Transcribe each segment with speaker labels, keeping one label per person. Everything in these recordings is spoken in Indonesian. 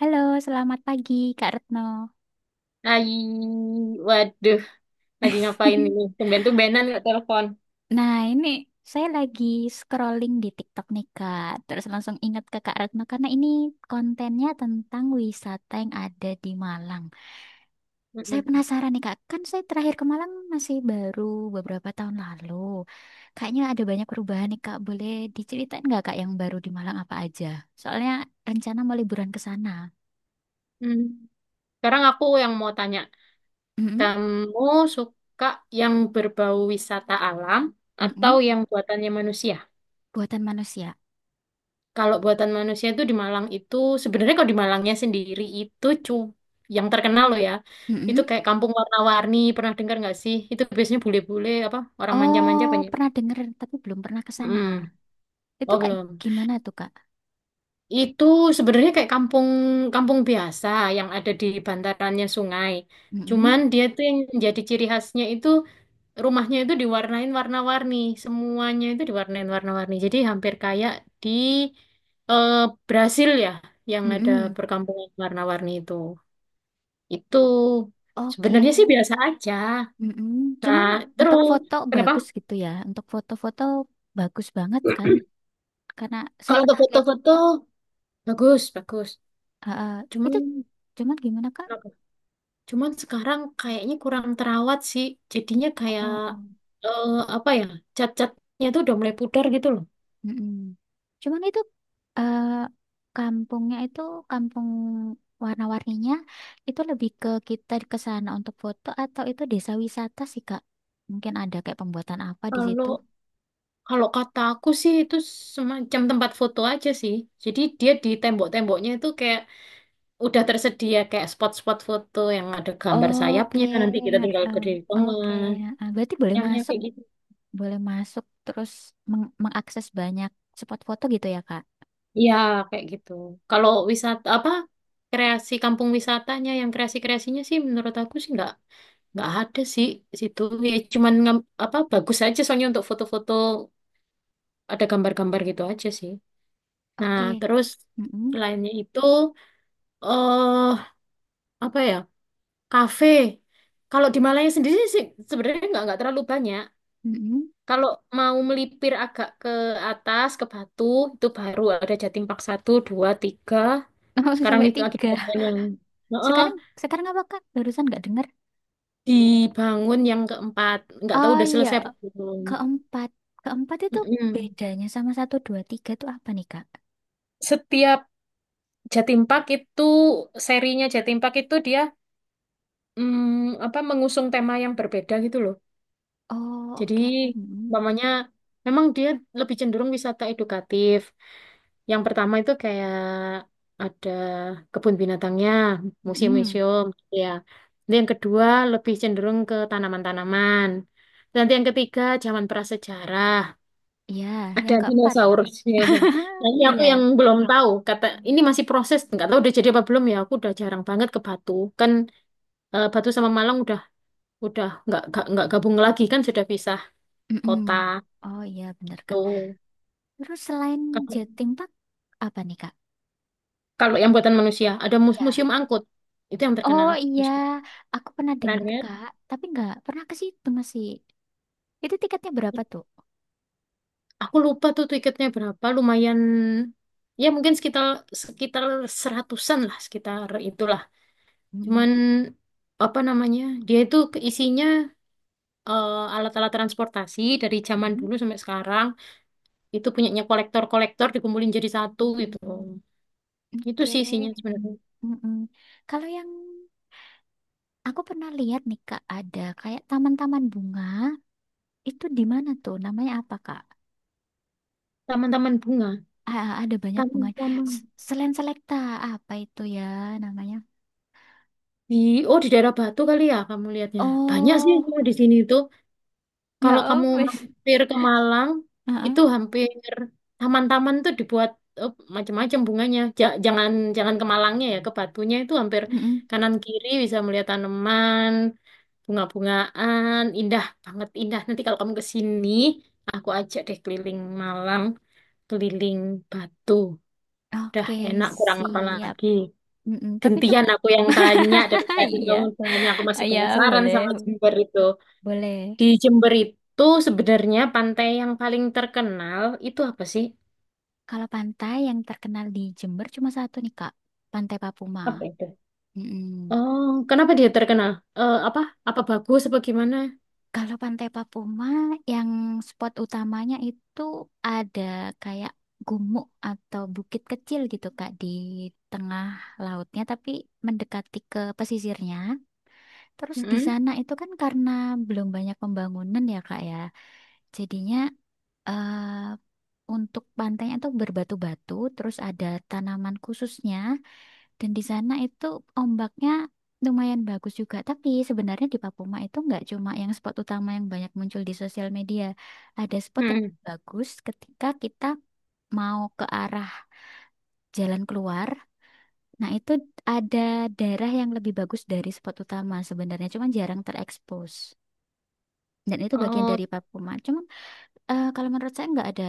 Speaker 1: Halo, selamat pagi Kak Retno.
Speaker 2: Hai, waduh, lagi ngapain ini? Tumben-tumbenan nggak telepon.
Speaker 1: Nah, ini saya lagi scrolling di TikTok nih Kak, terus langsung ingat ke Kak Retno karena ini kontennya tentang wisata yang ada di Malang. Saya
Speaker 2: Mm-mm.
Speaker 1: penasaran nih Kak, kan saya terakhir ke Malang masih baru beberapa tahun lalu. Kayaknya ada banyak perubahan nih Kak, boleh diceritain nggak Kak yang baru di Malang apa aja? Soalnya rencana mau liburan ke sana.
Speaker 2: Hmm. Sekarang aku yang mau tanya,
Speaker 1: Mm-mm,
Speaker 2: kamu suka yang berbau wisata alam atau
Speaker 1: mm-mm,
Speaker 2: yang buatannya manusia?
Speaker 1: buatan manusia.
Speaker 2: Kalau buatan manusia itu di Malang itu, sebenarnya kalau di Malangnya sendiri itu yang terkenal loh ya, itu kayak kampung warna-warni, pernah dengar nggak sih? Itu biasanya bule-bule apa orang manja-manja
Speaker 1: Oh,
Speaker 2: banyak.
Speaker 1: pernah denger tapi belum pernah ke sana.
Speaker 2: Mm-mm.
Speaker 1: Itu
Speaker 2: Oh,
Speaker 1: Kak,
Speaker 2: belum.
Speaker 1: gimana tuh Kak?
Speaker 2: Itu sebenarnya kayak kampung kampung biasa yang ada di bantarannya sungai.
Speaker 1: Mm-mm,
Speaker 2: Cuman dia tuh yang jadi ciri khasnya itu rumahnya itu diwarnain warna-warni, semuanya itu diwarnain warna-warni. Jadi hampir kayak di eh, Brasil ya yang ada
Speaker 1: mm-mm.
Speaker 2: perkampungan warna-warni itu. Itu
Speaker 1: Oke,
Speaker 2: sebenarnya sih biasa aja.
Speaker 1: mm-mm. Cuman
Speaker 2: Nah,
Speaker 1: untuk
Speaker 2: terus
Speaker 1: foto
Speaker 2: kenapa?
Speaker 1: bagus gitu ya. Untuk foto-foto bagus banget kan? Karena saya
Speaker 2: Kalau untuk
Speaker 1: pernah lihat.
Speaker 2: foto-foto bagus, bagus.
Speaker 1: Ah, ah. Itu
Speaker 2: Cuman
Speaker 1: cuman gimana Kak?
Speaker 2: Cuman sekarang kayaknya kurang terawat sih. Jadinya kayak
Speaker 1: Oh.
Speaker 2: eh, apa ya? Cat-catnya tuh udah mulai pudar gitu loh.
Speaker 1: Mm-mm. Cuman itu eh, kampungnya itu kampung warna-warninya itu lebih ke kita ke sana untuk foto atau itu desa wisata sih Kak? Mungkin ada kayak pembuatan apa di situ?
Speaker 2: Kalau kalau kata aku sih itu semacam tempat foto aja sih. Jadi dia di tembok-temboknya itu kayak udah tersedia kayak spot-spot foto yang ada gambar
Speaker 1: Oke,
Speaker 2: sayapnya. Nanti kita tinggal
Speaker 1: heeh.
Speaker 2: berdiri di tengah.
Speaker 1: Oke. Heeh. Berarti
Speaker 2: Yang kayak gitu.
Speaker 1: boleh masuk terus mengakses banyak spot foto gitu ya Kak?
Speaker 2: Iya, kayak gitu. Kalau wisata apa kreasi kampung wisatanya yang kreasi-kreasinya sih menurut aku sih nggak ada sih situ ya cuman apa bagus aja soalnya untuk foto-foto ada gambar-gambar gitu aja sih, nah
Speaker 1: Oke.
Speaker 2: terus
Speaker 1: Mm-mm.
Speaker 2: lainnya itu eh apa ya, kafe kalau di Malaya sendiri sih sebenarnya nggak terlalu banyak.
Speaker 1: Mm-mm.
Speaker 2: Kalau mau melipir agak ke atas ke Batu itu baru ada Jatim Park 1, 2, 3.
Speaker 1: Oh,
Speaker 2: Sekarang
Speaker 1: sampai
Speaker 2: itu lagi
Speaker 1: tiga.
Speaker 2: dibangun yang, heeh,
Speaker 1: Sekarang, sekarang apa Kak? Barusan nggak dengar?
Speaker 2: dibangun yang keempat, nggak tahu
Speaker 1: Oh
Speaker 2: udah
Speaker 1: iya.
Speaker 2: selesai apa belum.
Speaker 1: Keempat. Keempat itu
Speaker 2: Mm-mm.
Speaker 1: bedanya sama satu, dua, tiga itu apa nih, Kak?
Speaker 2: Setiap Jatim Park itu serinya Jatim Park itu dia apa mengusung tema yang berbeda gitu loh.
Speaker 1: Oh,
Speaker 2: Jadi
Speaker 1: oke. Mm-mm.
Speaker 2: umpamanya memang dia lebih cenderung wisata edukatif. Yang pertama itu kayak ada kebun binatangnya,
Speaker 1: Mm-mm.
Speaker 2: museum-museum gitu ya. Nanti yang kedua lebih cenderung ke tanaman-tanaman. Nanti yang ketiga zaman prasejarah.
Speaker 1: Iya,
Speaker 2: Ada
Speaker 1: yang keempat.
Speaker 2: dinosaurusnya. San. Nah, ini aku
Speaker 1: Iya.
Speaker 2: yang belum tahu. Kata ini masih proses, nggak tahu udah jadi apa belum ya. Aku udah jarang banget ke Batu. Kan Batu sama Malang udah nggak gabung lagi kan sudah pisah kota.
Speaker 1: Mm-mm. Oh iya, bener, Kak.
Speaker 2: Tuh.
Speaker 1: Terus selain
Speaker 2: Kalau
Speaker 1: Jatim Park, apa nih, Kak?
Speaker 2: kalau yang buatan manusia ada
Speaker 1: Ya.
Speaker 2: museum angkut. Itu yang
Speaker 1: Oh
Speaker 2: terkenal.
Speaker 1: iya,
Speaker 2: Museum.
Speaker 1: aku pernah
Speaker 2: Pernah
Speaker 1: dengar,
Speaker 2: dengar?
Speaker 1: Kak. Tapi nggak pernah ke situ masih. Itu tiketnya berapa tuh?
Speaker 2: Aku lupa tuh tiketnya berapa. Lumayan ya mungkin sekitar sekitar seratusan lah, sekitar itulah. Cuman
Speaker 1: Mm-mm.
Speaker 2: apa namanya? Dia itu isinya alat-alat transportasi dari zaman
Speaker 1: Mm-mm.
Speaker 2: dulu sampai sekarang itu punyanya kolektor-kolektor dikumpulin jadi satu gitu. Itu
Speaker 1: Oke.
Speaker 2: sih isinya sebenarnya.
Speaker 1: Mm-mm. Kalau yang aku pernah lihat nih, Kak, ada kayak taman-taman bunga. Itu di mana tuh? Namanya apa, Kak?
Speaker 2: Taman-taman bunga,
Speaker 1: Ah, ada banyak bunga.
Speaker 2: taman-taman
Speaker 1: Selain selekta, apa itu ya namanya?
Speaker 2: di oh di daerah Batu kali ya kamu lihatnya. Banyak sih
Speaker 1: Oh,
Speaker 2: kalau di sini itu. Kalau
Speaker 1: ya
Speaker 2: kamu
Speaker 1: wes.
Speaker 2: mampir ke Malang
Speaker 1: Heeh.
Speaker 2: itu hampir taman-taman tuh dibuat eh, macam-macam bunganya. Ja- jangan jangan ke Malangnya ya, ke Batunya itu hampir
Speaker 1: Mm-mm.
Speaker 2: kanan kiri bisa melihat tanaman, bunga-bungaan, indah banget indah. Nanti kalau kamu ke sini, aku ajak deh keliling Malang, keliling Batu. Udah
Speaker 1: Oke,
Speaker 2: enak, kurang apa
Speaker 1: siap.
Speaker 2: lagi.
Speaker 1: Mm-mm. Tapi itu
Speaker 2: Gentian aku yang tanya, dari tadi
Speaker 1: iya.
Speaker 2: kamu tanya, aku
Speaker 1: Ah,
Speaker 2: masih
Speaker 1: ya,
Speaker 2: penasaran
Speaker 1: boleh.
Speaker 2: sama Jember itu.
Speaker 1: Boleh.
Speaker 2: Di Jember itu sebenarnya pantai yang paling terkenal itu apa sih?
Speaker 1: Kalau pantai yang terkenal di Jember cuma satu nih, Kak. Pantai Papuma.
Speaker 2: Apa itu?
Speaker 1: Mm-mm.
Speaker 2: Oh, kenapa dia terkenal? Eh, apa? Apa bagus apa gimana?
Speaker 1: Kalau Pantai Papuma yang spot utamanya itu ada kayak gumuk atau bukit kecil gitu Kak di tengah lautnya tapi mendekati ke pesisirnya. Terus di
Speaker 2: Mm-mm.
Speaker 1: sana itu kan karena belum banyak pembangunan ya Kak ya. Jadinya eh, untuk pantainya tuh berbatu-batu terus ada tanaman khususnya dan di sana itu ombaknya lumayan bagus juga. Tapi sebenarnya di Papuma itu nggak cuma yang spot utama yang banyak muncul di sosial media. Ada spot yang
Speaker 2: Mm-mm.
Speaker 1: bagus ketika kita mau ke arah jalan keluar. Nah, itu ada daerah yang lebih bagus dari spot utama sebenarnya, cuma jarang terekspos. Dan itu bagian
Speaker 2: Oh,
Speaker 1: dari Papuma. Cuma kalau menurut saya nggak ada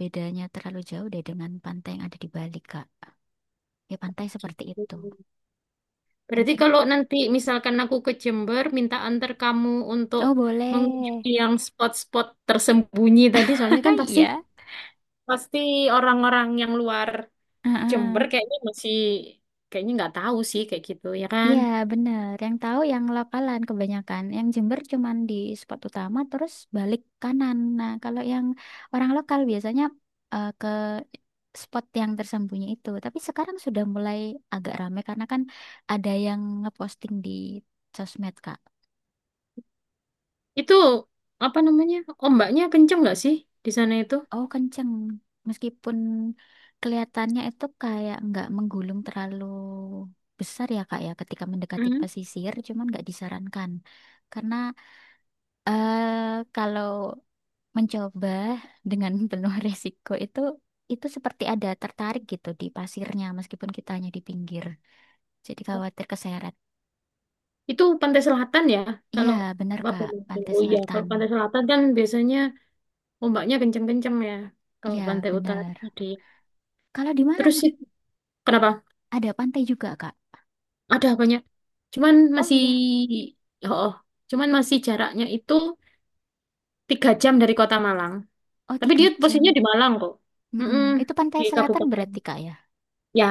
Speaker 1: bedanya terlalu jauh deh dengan pantai yang ada di Bali, Kak. Ya pantai seperti
Speaker 2: gitu.
Speaker 1: itu.
Speaker 2: Berarti
Speaker 1: Mungkin.
Speaker 2: kalau nanti misalkan aku ke Jember, minta antar kamu untuk
Speaker 1: Oh, boleh.
Speaker 2: mengunjungi yang spot-spot tersembunyi tadi, soalnya kan pasti
Speaker 1: Iya.
Speaker 2: pasti orang-orang yang luar
Speaker 1: Ah,
Speaker 2: Jember
Speaker 1: ah.
Speaker 2: kayaknya masih kayaknya nggak tahu sih kayak gitu ya kan.
Speaker 1: Iya, bener. Yang tahu yang lokalan kebanyakan. Yang Jember cuman di spot utama terus balik kanan. Nah, kalau yang orang lokal biasanya ke spot yang tersembunyi itu. Tapi sekarang sudah mulai agak rame karena kan ada yang ngeposting di sosmed, Kak.
Speaker 2: Itu apa namanya? Ombaknya kenceng nggak sih di sana itu?
Speaker 1: Oh, kenceng. Meskipun kelihatannya itu kayak nggak menggulung terlalu besar ya, Kak ya, ketika mendekati
Speaker 2: Hmm.
Speaker 1: pesisir, cuman nggak disarankan. Karena kalau mencoba dengan penuh resiko itu seperti ada tertarik gitu di pasirnya meskipun kitanya di pinggir. Jadi khawatir keseret.
Speaker 2: Itu pantai selatan ya.
Speaker 1: Iya,
Speaker 2: Kalau
Speaker 1: benar
Speaker 2: Bapak
Speaker 1: Kak, pantai
Speaker 2: oh iya,
Speaker 1: selatan.
Speaker 2: kalau pantai selatan kan biasanya ombaknya kenceng-kenceng ya. Kalau
Speaker 1: Iya,
Speaker 2: pantai utara
Speaker 1: benar.
Speaker 2: tadi.
Speaker 1: Kalau di
Speaker 2: Terus
Speaker 1: Malang
Speaker 2: sih kenapa?
Speaker 1: ada pantai juga Kak.
Speaker 2: Ada banyak. Cuman
Speaker 1: Oh, oh
Speaker 2: masih,
Speaker 1: ya,
Speaker 2: oh, cuman masih jaraknya itu 3 jam dari kota Malang.
Speaker 1: oh,
Speaker 2: Tapi
Speaker 1: tiga
Speaker 2: dia posisinya
Speaker 1: jam.
Speaker 2: di Malang kok. Mm-mm,
Speaker 1: Mm-mm. Itu pantai
Speaker 2: di
Speaker 1: selatan
Speaker 2: kabupaten.
Speaker 1: berarti Kak ya.
Speaker 2: Ya,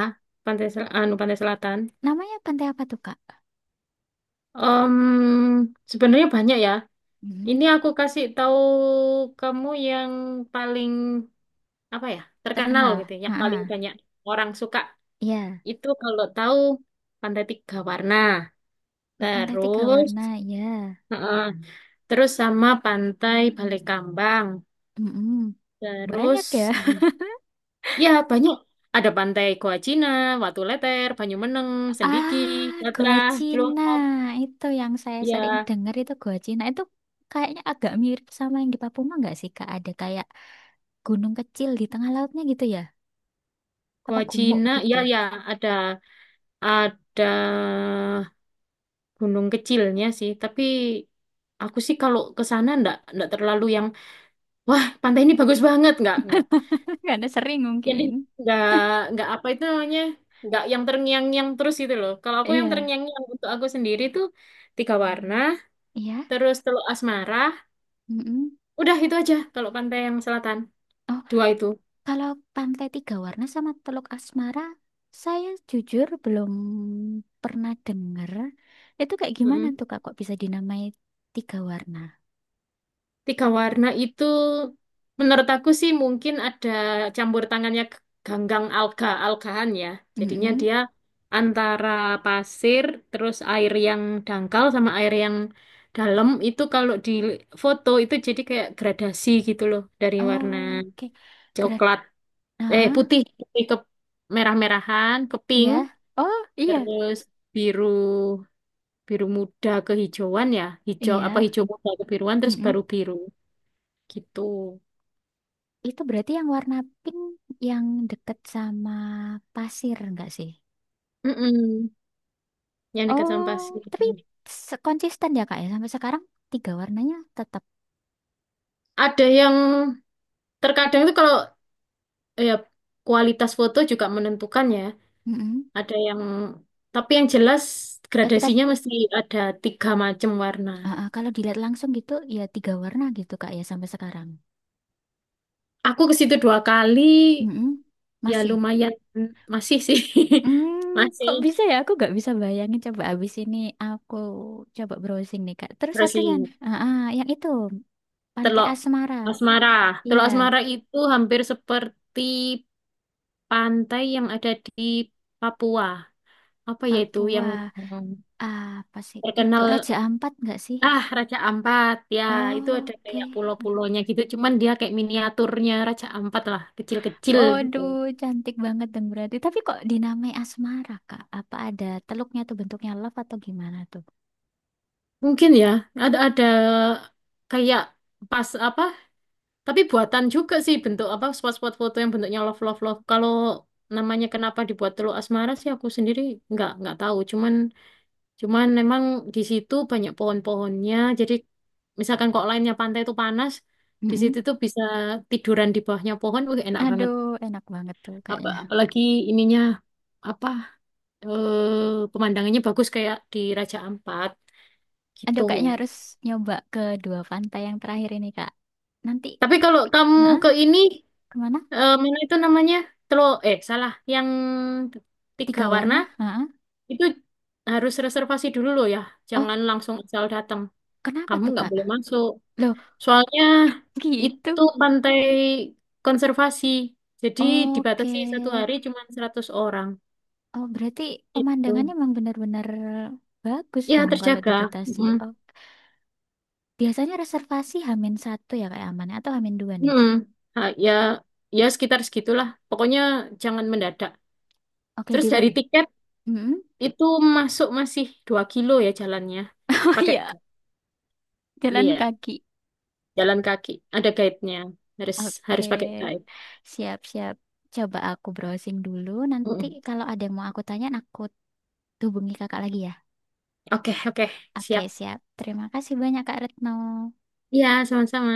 Speaker 2: pantai selatan.
Speaker 1: Namanya pantai apa tuh Kak?
Speaker 2: Em, Sebenarnya banyak ya. Ini
Speaker 1: Mm,
Speaker 2: aku kasih tahu kamu yang paling apa ya terkenal
Speaker 1: terkenal.
Speaker 2: gitu,
Speaker 1: Ah,
Speaker 2: yang paling
Speaker 1: ah.
Speaker 2: banyak orang suka
Speaker 1: Iya,
Speaker 2: itu kalau tahu Pantai Tiga Warna.
Speaker 1: pantai tiga
Speaker 2: Terus,
Speaker 1: warna. Ya,
Speaker 2: Terus sama pantai Balekambang.
Speaker 1: mm-mm. Banyak
Speaker 2: Terus
Speaker 1: ya.
Speaker 2: ya banyak, ada pantai Goa Cina, Watu Leter, Banyumeneng, Sendiki,
Speaker 1: Ah,
Speaker 2: Batra,
Speaker 1: gua Cina.
Speaker 2: Cilongkop.
Speaker 1: Itu yang saya sering
Speaker 2: Ya,
Speaker 1: dengar itu gua Cina. Itu kayaknya agak mirip sama yang di Papua nggak sih, Kak? Ada kayak gunung kecil di tengah lautnya gitu ya? Apa
Speaker 2: Goa
Speaker 1: gumuk
Speaker 2: Cina.
Speaker 1: gitu?
Speaker 2: Ya, ya ada ada gunung kecilnya sih. Tapi aku sih kalau ke sana ndak ndak terlalu yang wah pantai ini bagus banget, nggak nggak.
Speaker 1: Karena sering
Speaker 2: Jadi
Speaker 1: mungkin.
Speaker 2: nggak nggak apa itu namanya, nggak yang terngiang-ngiang terus gitu loh. Kalau aku yang
Speaker 1: Iya.
Speaker 2: terngiang-ngiang untuk aku sendiri tuh tiga warna,
Speaker 1: Iya.
Speaker 2: terus Teluk Asmara.
Speaker 1: Mm-mm.
Speaker 2: Udah itu aja kalau pantai yang selatan.
Speaker 1: Oh,
Speaker 2: Dua itu.
Speaker 1: kalau Pantai Tiga Warna sama Teluk Asmara, saya jujur belum pernah dengar. Itu kayak gimana
Speaker 2: Mm-mm.
Speaker 1: tuh, Kak? Kok bisa dinamai Tiga Warna?
Speaker 2: Tiga warna itu menurut aku sih mungkin ada campur tangannya ganggang alga-algahan ya. Jadinya
Speaker 1: Mm-mm.
Speaker 2: dia antara pasir, terus air yang dangkal sama air yang dalam itu kalau di foto itu jadi kayak gradasi gitu loh dari warna
Speaker 1: Oh, oke. Gerak.
Speaker 2: coklat, putih, putih ke merah-merahan ke pink,
Speaker 1: Iya. Oh, iya.
Speaker 2: terus biru, biru muda kehijauan ya, hijau apa
Speaker 1: Iya.
Speaker 2: hijau muda kebiruan, terus
Speaker 1: Mm-mm.
Speaker 2: baru biru gitu.
Speaker 1: Itu berarti yang warna pink yang deket sama pasir enggak sih?
Speaker 2: Mm-mm. Yang dekat sama
Speaker 1: Oh,
Speaker 2: pasir,
Speaker 1: tapi konsisten ya Kak ya sampai sekarang tiga warnanya tetap.
Speaker 2: ada yang terkadang itu kalau ya kualitas foto juga menentukan ya,
Speaker 1: Mm-mm.
Speaker 2: ada yang, tapi yang jelas
Speaker 1: Ketika
Speaker 2: gradasinya mesti ada tiga macam warna.
Speaker 1: Ah, ah, kalau dilihat langsung gitu ya tiga warna gitu Kak ya sampai sekarang.
Speaker 2: Aku ke situ 2 kali
Speaker 1: Mm-mm.
Speaker 2: ya
Speaker 1: Masih.
Speaker 2: lumayan masih sih,
Speaker 1: Hmm,
Speaker 2: masih.
Speaker 1: kok bisa ya? Aku nggak bisa bayangin. Coba abis ini aku coba browsing nih Kak. Terus
Speaker 2: Terus sih
Speaker 1: satunya, ah, ah, yang itu Pantai
Speaker 2: telok
Speaker 1: Asmara.
Speaker 2: asmara,
Speaker 1: Iya,
Speaker 2: telok asmara itu hampir seperti pantai yang ada di Papua. Apa ya itu yang
Speaker 1: Papua.
Speaker 2: yang
Speaker 1: Apa sih itu?
Speaker 2: terkenal,
Speaker 1: Raja Ampat nggak sih?
Speaker 2: ah, Raja Ampat ya, itu ada
Speaker 1: Oke.
Speaker 2: kayak pulau-pulaunya gitu cuman dia kayak miniaturnya Raja Ampat lah, kecil-kecil gitu.
Speaker 1: Aduh, cantik banget dong berarti. Tapi kok dinamai Asmara, Kak? Apa ada teluknya tuh bentuknya love atau gimana tuh?
Speaker 2: Mungkin ya ada kayak pas apa, tapi buatan juga sih bentuk apa spot-spot foto yang bentuknya love love love. Kalau namanya kenapa dibuat Teluk Asmara sih aku sendiri nggak tahu cuman, memang di situ banyak pohon-pohonnya. Jadi misalkan kok lainnya pantai itu panas, di situ
Speaker 1: Mm-mm.
Speaker 2: tuh bisa tiduran di bawahnya pohon, wih enak banget.
Speaker 1: Aduh, enak banget tuh
Speaker 2: Apa,
Speaker 1: kayaknya.
Speaker 2: apalagi ininya apa, pemandangannya bagus kayak di Raja Ampat gitu.
Speaker 1: Aduh, kayaknya harus nyoba ke dua pantai yang terakhir ini, Kak. Nanti,
Speaker 2: Tapi kalau kamu
Speaker 1: nah,
Speaker 2: ke ini,
Speaker 1: kemana?
Speaker 2: mana itu namanya? Telo yang tiga
Speaker 1: Tiga
Speaker 2: warna
Speaker 1: warna, heeh.
Speaker 2: itu harus reservasi dulu loh ya.
Speaker 1: Oh,
Speaker 2: Jangan langsung asal datang.
Speaker 1: kenapa
Speaker 2: Kamu
Speaker 1: tuh,
Speaker 2: nggak
Speaker 1: Kak?
Speaker 2: boleh masuk.
Speaker 1: Loh,
Speaker 2: Soalnya
Speaker 1: gitu.
Speaker 2: itu pantai konservasi, jadi
Speaker 1: Oke.
Speaker 2: dibatasi satu hari cuma 100 orang.
Speaker 1: Oh, berarti pemandangannya
Speaker 2: Itu.
Speaker 1: emang benar-benar bagus
Speaker 2: Ya,
Speaker 1: dong kalau
Speaker 2: terjaga.
Speaker 1: dibatasi.
Speaker 2: Mm.
Speaker 1: Oh, biasanya reservasi Hamin satu ya kayak amannya atau Hamin dua nih.
Speaker 2: Mm. Ah, ya, ya sekitar segitulah. Pokoknya jangan mendadak.
Speaker 1: Oke di
Speaker 2: Terus
Speaker 1: web.
Speaker 2: dari tiket
Speaker 1: Mm-mm.
Speaker 2: itu masuk masih 2 kilo ya jalannya.
Speaker 1: Oh
Speaker 2: Pakai
Speaker 1: iya, jalan
Speaker 2: ya,
Speaker 1: kaki.
Speaker 2: jalan kaki. Ada guide-nya. Harus harus pakai
Speaker 1: Oke,
Speaker 2: guide.
Speaker 1: siap-siap. Coba aku browsing dulu. Nanti
Speaker 2: Mm.
Speaker 1: kalau ada yang mau aku tanya, aku hubungi kakak lagi ya.
Speaker 2: Oke, oke,
Speaker 1: Oke,
Speaker 2: siap.
Speaker 1: siap. Terima kasih banyak Kak Retno.
Speaker 2: Ya, sama-sama.